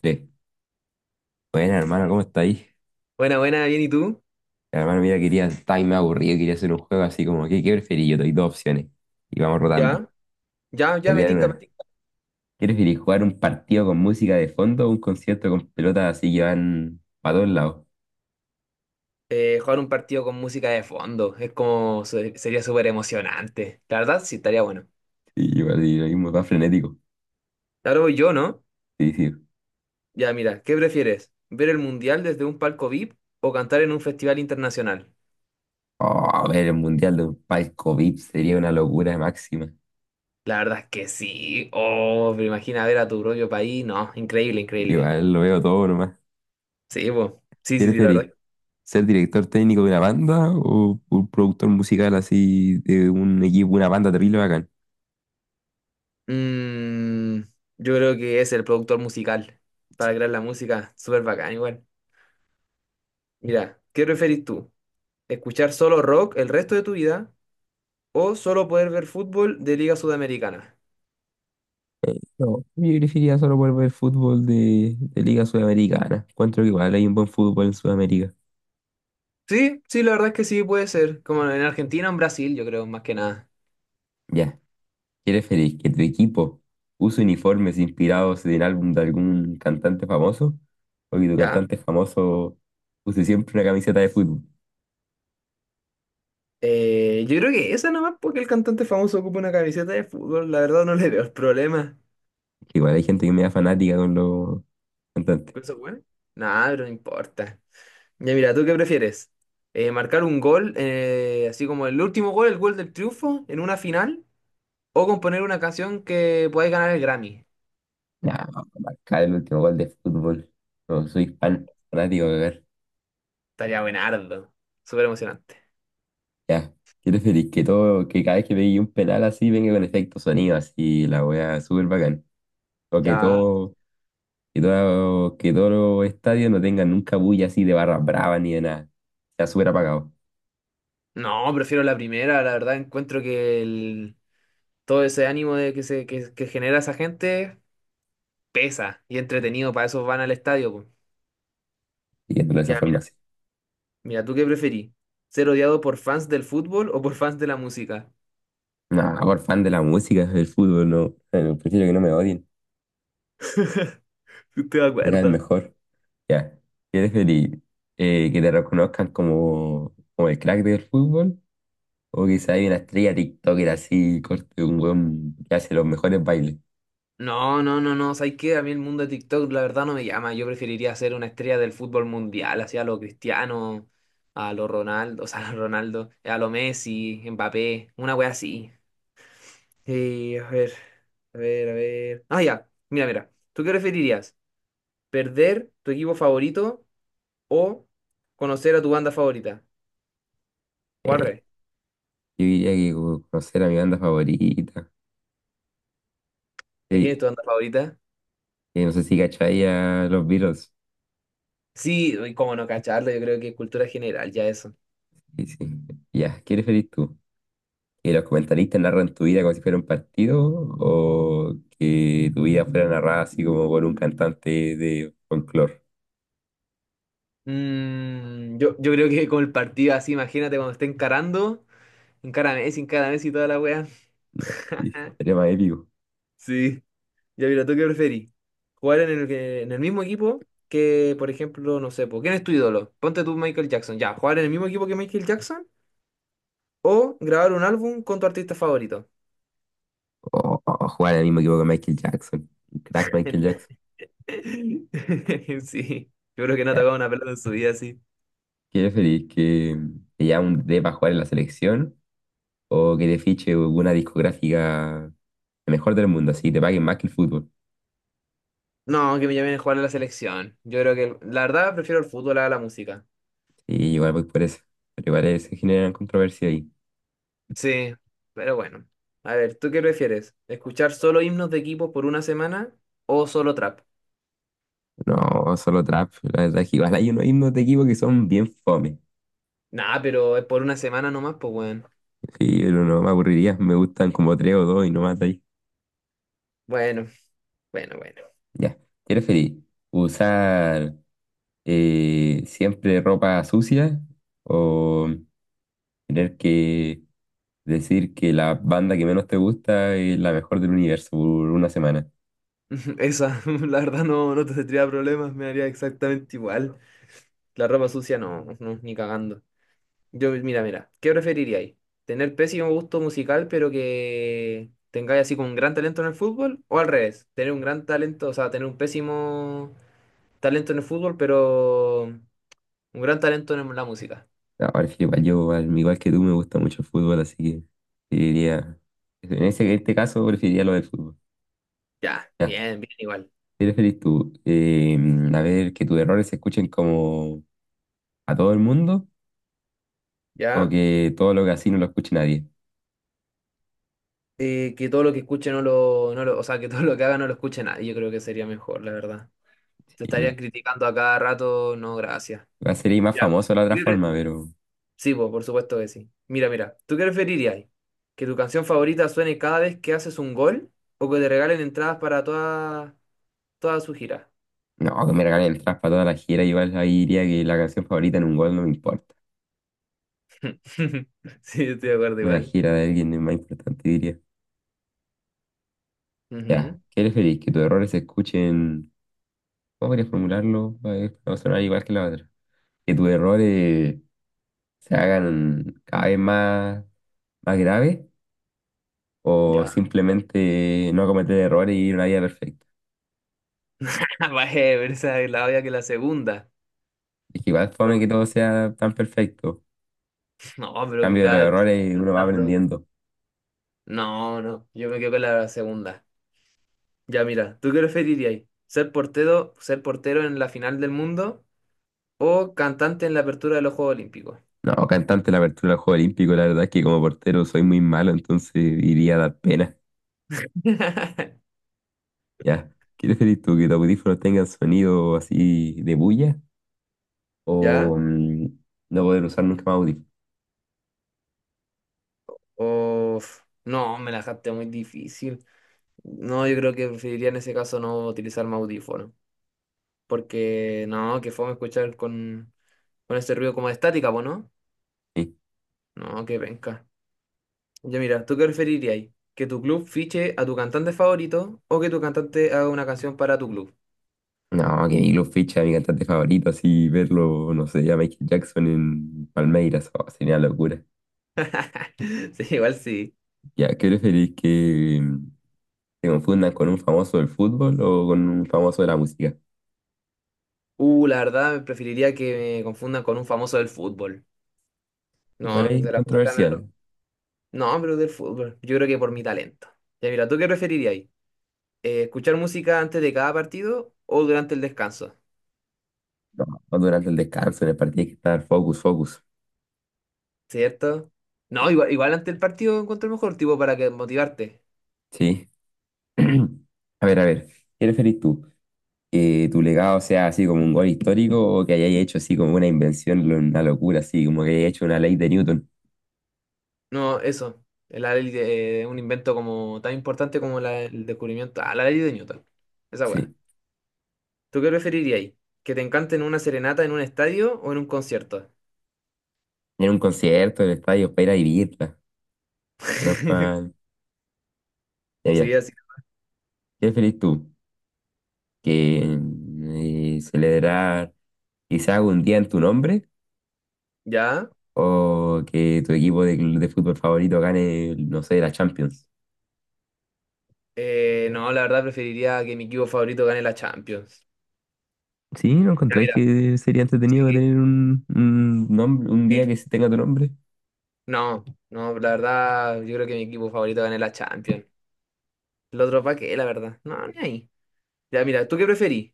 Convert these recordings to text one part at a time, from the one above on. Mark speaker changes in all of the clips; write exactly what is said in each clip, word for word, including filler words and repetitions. Speaker 1: Tres. Bueno, hermano, ¿cómo está ahí?
Speaker 2: Buena, buena, bien, ¿y tú?
Speaker 1: Hermano, mira, quería, estaba ahí me aburrido, quería hacer un juego así como, ¿qué, ¿qué preferís? Yo te doy dos opciones y vamos rotando.
Speaker 2: Ya, ya,
Speaker 1: Te
Speaker 2: ya
Speaker 1: voy a
Speaker 2: me
Speaker 1: dar
Speaker 2: tinca, me
Speaker 1: una.
Speaker 2: tinca.
Speaker 1: ¿Qué preferís, jugar un partido con música de fondo o un concierto con pelotas así que van para todos lados?
Speaker 2: Eh, jugar un partido con música de fondo es como, se- sería súper emocionante. La verdad, sí, estaría bueno.
Speaker 1: Sí, igual, y lo mismo, va frenético.
Speaker 2: Claro, voy yo, ¿no?
Speaker 1: Sí, sí.
Speaker 2: Ya, mira, ¿qué prefieres? ¿Ver el mundial desde un palco V I P o cantar en un festival internacional?
Speaker 1: Oh, ver el mundial de un palco V I P sería una locura máxima.
Speaker 2: La verdad es que sí. Oh, pero imagina ver a tu propio país. No, increíble, increíble.
Speaker 1: Igual lo veo todo nomás.
Speaker 2: Sí, pues. Sí,
Speaker 1: ¿Qué
Speaker 2: sí, sí, la verdad.
Speaker 1: preferís? ¿Ser director técnico de una banda o un productor musical así de un equipo, una banda terrible bacán?
Speaker 2: Mm, yo creo que es el productor musical para crear la música. Súper bacán, igual. Mira, ¿qué preferís tú? Escuchar solo rock el resto de tu vida o solo poder ver fútbol de Liga Sudamericana.
Speaker 1: No, yo elegiría solo por ver fútbol de, de Liga Sudamericana. Encuentro que igual hay un buen fútbol en Sudamérica.
Speaker 2: Sí, sí, la verdad es que sí puede ser, como en Argentina o en Brasil, yo creo, más que nada.
Speaker 1: Ya, ¿qué preferís? ¿Que tu equipo use uniformes inspirados en el álbum de algún cantante famoso? ¿O que tu
Speaker 2: Ya.
Speaker 1: cantante famoso use siempre una camiseta de fútbol?
Speaker 2: Eh, yo creo que esa nomás porque el cantante famoso ocupa una camiseta de fútbol, la verdad no le veo el problema.
Speaker 1: Que igual hay gente que me da fanática con los cantantes.
Speaker 2: ¿Con ¿Eso bueno? Nada, pero no importa. Ya mira, ¿tú qué prefieres? Eh, ¿marcar un gol, eh, así como el último gol, el gol del triunfo, en una final? ¿O componer una canción que podáis ganar el Grammy?
Speaker 1: Ya, marcar el último gol de fútbol. No, soy fan, fanático de ver.
Speaker 2: Estaría buenardo. Súper emocionante.
Speaker 1: Ya, ¿qué preferís? Que todo, que cada vez que veis un penal así venga con efecto sonido así, la wea súper bacán. O que
Speaker 2: Ya,
Speaker 1: todo, que todo, que todos los estadios no tengan nunca bulla así de barras bravas ni de nada. Sea súper apagado,
Speaker 2: no, prefiero la primera, la verdad encuentro que el- todo ese ánimo de que se que, que genera esa gente pesa y entretenido, para eso van al estadio, po.
Speaker 1: viéndolo de esa
Speaker 2: Ya,
Speaker 1: forma
Speaker 2: mira,
Speaker 1: así.
Speaker 2: mira, ¿tú qué preferís? ¿Ser odiado por fans del fútbol o por fans de la música?
Speaker 1: No, por fan de la música, del fútbol, no. Eh, Prefiero que no me odien,
Speaker 2: ¿Te
Speaker 1: me caen
Speaker 2: acuerdas?
Speaker 1: mejor. Ya, ¿quieres feliz? Eh, ¿que te reconozcan como, como el crack del fútbol? O quizá hay una estrella TikToker así, corte, un weón que hace los mejores bailes.
Speaker 2: No, no, no, no, ¿sabes qué? A mí el mundo de TikTok la verdad no me llama, yo preferiría ser una estrella del fútbol mundial, así a lo Cristiano, a lo Ronaldo, o sea, a lo Ronaldo, a lo Messi, Mbappé, una wea así. Eh, a ver, a ver, a ver. Ah, ya. Mira, mira. ¿Tú qué preferirías? ¿Perder tu equipo favorito o conocer a tu banda favorita? O al
Speaker 1: Eh,
Speaker 2: revés.
Speaker 1: yo diría que como conocer a mi banda favorita.
Speaker 2: ¿Y ¿Quién
Speaker 1: Sí,
Speaker 2: es tu banda favorita?
Speaker 1: eh, no sé si cacháis a los Beatles.
Speaker 2: Sí, uy, cómo no cacharlo, yo creo que es cultura general, ya eso.
Speaker 1: Sí, sí. Ya, ¿qué preferís tú? ¿Que los comentaristas narran tu vida como si fuera un partido o que tu vida fuera narrada así como por un cantante de folclore?
Speaker 2: Mm, yo, yo creo que con el partido así, imagínate cuando esté encarando, encara Messi, encara Messi y toda la wea.
Speaker 1: No, sí, sería más épico.
Speaker 2: Sí. Ya mira, ¿tú qué preferís? ¿Jugar en el, que- en el mismo equipo que, por ejemplo, no sé, po, ¿quién es tu ídolo? Ponte tú Michael Jackson. Ya, ¿jugar en el mismo equipo que Michael Jackson? ¿O grabar un álbum con tu artista favorito?
Speaker 1: O, o- o jugar en el mismo equipo que Michael Jackson. Un crack Michael Jackson.
Speaker 2: Sí, yo creo que no ha
Speaker 1: Ya,
Speaker 2: tocado una pelota en su vida así.
Speaker 1: ¿qué preferís? ¿Que te llamen de para jugar en la selección o que te fiche una discográfica mejor del mundo, así te paguen más que el fútbol?
Speaker 2: No, que me llamen a jugar a la selección. Yo creo que, la verdad, prefiero el fútbol a la música.
Speaker 1: Sí, igual voy por eso. Pero igual se generan controversia ahí.
Speaker 2: Sí, pero bueno. A ver, ¿tú qué prefieres? ¿Escuchar solo himnos de equipos por una semana o solo trap?
Speaker 1: No, solo trap. La verdad es que igual hay unos himnos de equipo que son bien fome.
Speaker 2: Nah, pero es por una semana nomás, pues bueno.
Speaker 1: Sí, pero no me aburriría. Me gustan como tres o dos y no más de ahí.
Speaker 2: Bueno. Bueno, bueno.
Speaker 1: Ya. ¿Te feliz? Usar eh, siempre ropa sucia, o tener que decir que la banda que menos te gusta es la mejor del universo por una semana?
Speaker 2: Esa, la verdad no, no te tendría problemas, me haría exactamente igual. La ropa sucia no, no, ni cagando. Yo, mira, mira, ¿qué preferiríais? ¿Tener pésimo gusto musical pero que tengáis así como un gran talento en el fútbol? ¿O al revés? ¿Tener un gran talento, o sea, tener un pésimo talento en el fútbol pero un gran talento en la música?
Speaker 1: No, prefiero igual yo, al igual que tú, me gusta mucho el fútbol, así que preferiría. En ese, en este caso, preferiría lo del fútbol.
Speaker 2: Ya,
Speaker 1: Ya.
Speaker 2: bien, bien igual.
Speaker 1: ¿Qué preferís tú? Eh, a ver, que tus errores se escuchen como a todo el mundo o
Speaker 2: ¿Ya?
Speaker 1: que todo lo que así no lo escuche nadie.
Speaker 2: Eh, que todo lo que escuche no lo, no lo, o sea, que todo lo que haga no lo escuche nadie, yo creo que sería mejor, la verdad. Te
Speaker 1: Sí,
Speaker 2: estarían criticando a cada rato, no, gracias.
Speaker 1: va a ser más
Speaker 2: Mira,
Speaker 1: famoso de la
Speaker 2: ¿tú
Speaker 1: otra
Speaker 2: qué pre-
Speaker 1: forma, pero
Speaker 2: sí, po, por supuesto que sí. Mira, mira, ¿tú qué preferirías? ¿Que tu canción favorita suene cada vez que haces un gol o que te regalen entradas para toda, toda su gira?
Speaker 1: no, que me regalen el trap para toda la gira. Igual ahí diría que la canción favorita en un gol no me importa.
Speaker 2: Sí, estoy de acuerdo
Speaker 1: Una
Speaker 2: igual.
Speaker 1: gira de alguien es más importante, diría. Ya,
Speaker 2: Ujú,
Speaker 1: ¿qué preferís? Que tus errores se escuchen. ¿Cómo querés formularlo? Va a va a sonar igual que la otra. Que tus errores se hagan cada vez más, más graves o
Speaker 2: ya.
Speaker 1: simplemente no cometer errores y ir una vida perfecta.
Speaker 2: Vaya, pero esa es la obvia que la segunda.
Speaker 1: Es que igual es
Speaker 2: No,
Speaker 1: fome que todo sea tan perfecto.
Speaker 2: no, pero que
Speaker 1: Cambio de los
Speaker 2: cada vez
Speaker 1: errores uno va
Speaker 2: cantando.
Speaker 1: aprendiendo.
Speaker 2: No, no, yo me quedo con la segunda. Ya, mira, ¿tú qué preferirías? ¿Ser portero, ser portero en la final del mundo? O cantante en la apertura de los Juegos Olímpicos.
Speaker 1: No, cantante la apertura del Juego Olímpico, la verdad es que como portero soy muy malo, entonces iría a dar pena. Ya, ¿qué preferís tú? ¿Que tus audífonos tengan sonido así de bulla, o
Speaker 2: ¿Ya?
Speaker 1: mm, no poder usar nunca más audífonos?
Speaker 2: O... No, me la dejaste muy difícil. No, yo creo que preferiría en ese caso no utilizar mi audífono. Porque no, que fome escuchar con, con ese ruido como de estática, ¿po no?
Speaker 1: Sí.
Speaker 2: No, que venga. Ya mira, ¿tú qué preferirías ahí? ¿Que tu club fiche a tu cantante favorito o que tu cantante haga una canción para tu club?
Speaker 1: No, que Milo Ficha, mi cantante favorito, así verlo, no sé, a Michael Jackson en Palmeiras, oh, sería una locura.
Speaker 2: Sí, igual sí.
Speaker 1: Ya, ¿qué preferís que ¿te confundan con un famoso del fútbol o con un famoso de la música?
Speaker 2: Uh, la verdad, preferiría que me confundan con un famoso del fútbol.
Speaker 1: Igual
Speaker 2: No,
Speaker 1: ahí es
Speaker 2: de la música.
Speaker 1: controversial.
Speaker 2: No, pero del fútbol. Yo creo que por mi talento. Ya mira, ¿tú qué preferirías? Eh, ¿escuchar música antes de cada partido o durante el descanso?
Speaker 1: No, no durante el descanso, en el partido hay que estar focus, focus.
Speaker 2: ¿Cierto? No, igual, igual antes del partido encuentro el mejor tipo para que motivarte.
Speaker 1: Sí. A ver, a ver, ¿qué preferís tú? ¿Que tu legado sea así como un gol histórico o que hayáis hecho así como una invención, lo- una locura, así como que hayáis hecho una ley de Newton?
Speaker 2: No, eso. La ley de eh, un invento como tan importante como la- el descubrimiento. Ah, la ley de Newton. Esa weá.
Speaker 1: Sí.
Speaker 2: ¿Tú qué preferirías? ¿Que te encanten una serenata en un estadio o en un concierto?
Speaker 1: En un concierto, en el estadio, para ir a vivirla. No para... Ya,
Speaker 2: Sí,
Speaker 1: ya. ¿Qué
Speaker 2: así.
Speaker 1: preferís tú? ¿Que eh, celebrar quizás un día en tu nombre,
Speaker 2: ¿Ya?
Speaker 1: o que tu equipo de, de fútbol favorito gane, no sé, la Champions?
Speaker 2: Eh, no, la verdad preferiría que mi equipo favorito gane la Champions.
Speaker 1: ¿Sí? ¿No
Speaker 2: Ya,
Speaker 1: encontráis
Speaker 2: mira,
Speaker 1: que sería entretenido
Speaker 2: sí,
Speaker 1: tener un, un nombre, un
Speaker 2: sí.
Speaker 1: día que se tenga tu nombre?
Speaker 2: No, no, la verdad, yo creo que mi equipo favorito gane la Champions. El otro pa' qué, la verdad. No, ni ahí. Ya, mira, ¿tú qué preferís?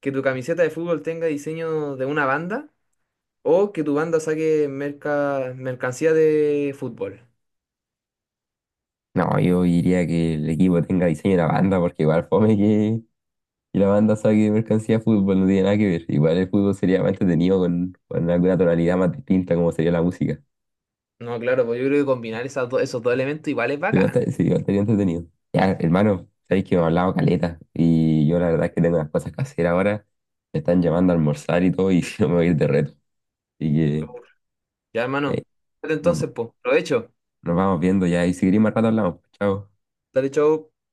Speaker 2: ¿Que tu camiseta de fútbol tenga diseño de una banda o que tu banda saque merca- mercancía de fútbol?
Speaker 1: No, yo diría que el equipo tenga diseño de la banda, porque igual fome que, que la banda saque mercancía de fútbol, no tiene nada que ver. Igual el fútbol sería más entretenido con, con alguna tonalidad más distinta, como sería la música.
Speaker 2: No, claro, pues yo creo que combinar esas do- esos dos elementos igual es
Speaker 1: Igual
Speaker 2: bacán.
Speaker 1: te- sí, igual sería entretenido. Ya, hermano, sabéis que me ha hablado caleta, y yo la verdad es que tengo unas cosas que hacer ahora. Me están llamando a almorzar y todo, y yo me voy a ir de reto. Y que,
Speaker 2: Ya,
Speaker 1: eh,
Speaker 2: hermano.
Speaker 1: nos,
Speaker 2: Entonces, pues, provecho.
Speaker 1: nos vamos viendo ya. Y si queréis más rato hablamos. Chao.
Speaker 2: Dale, chau.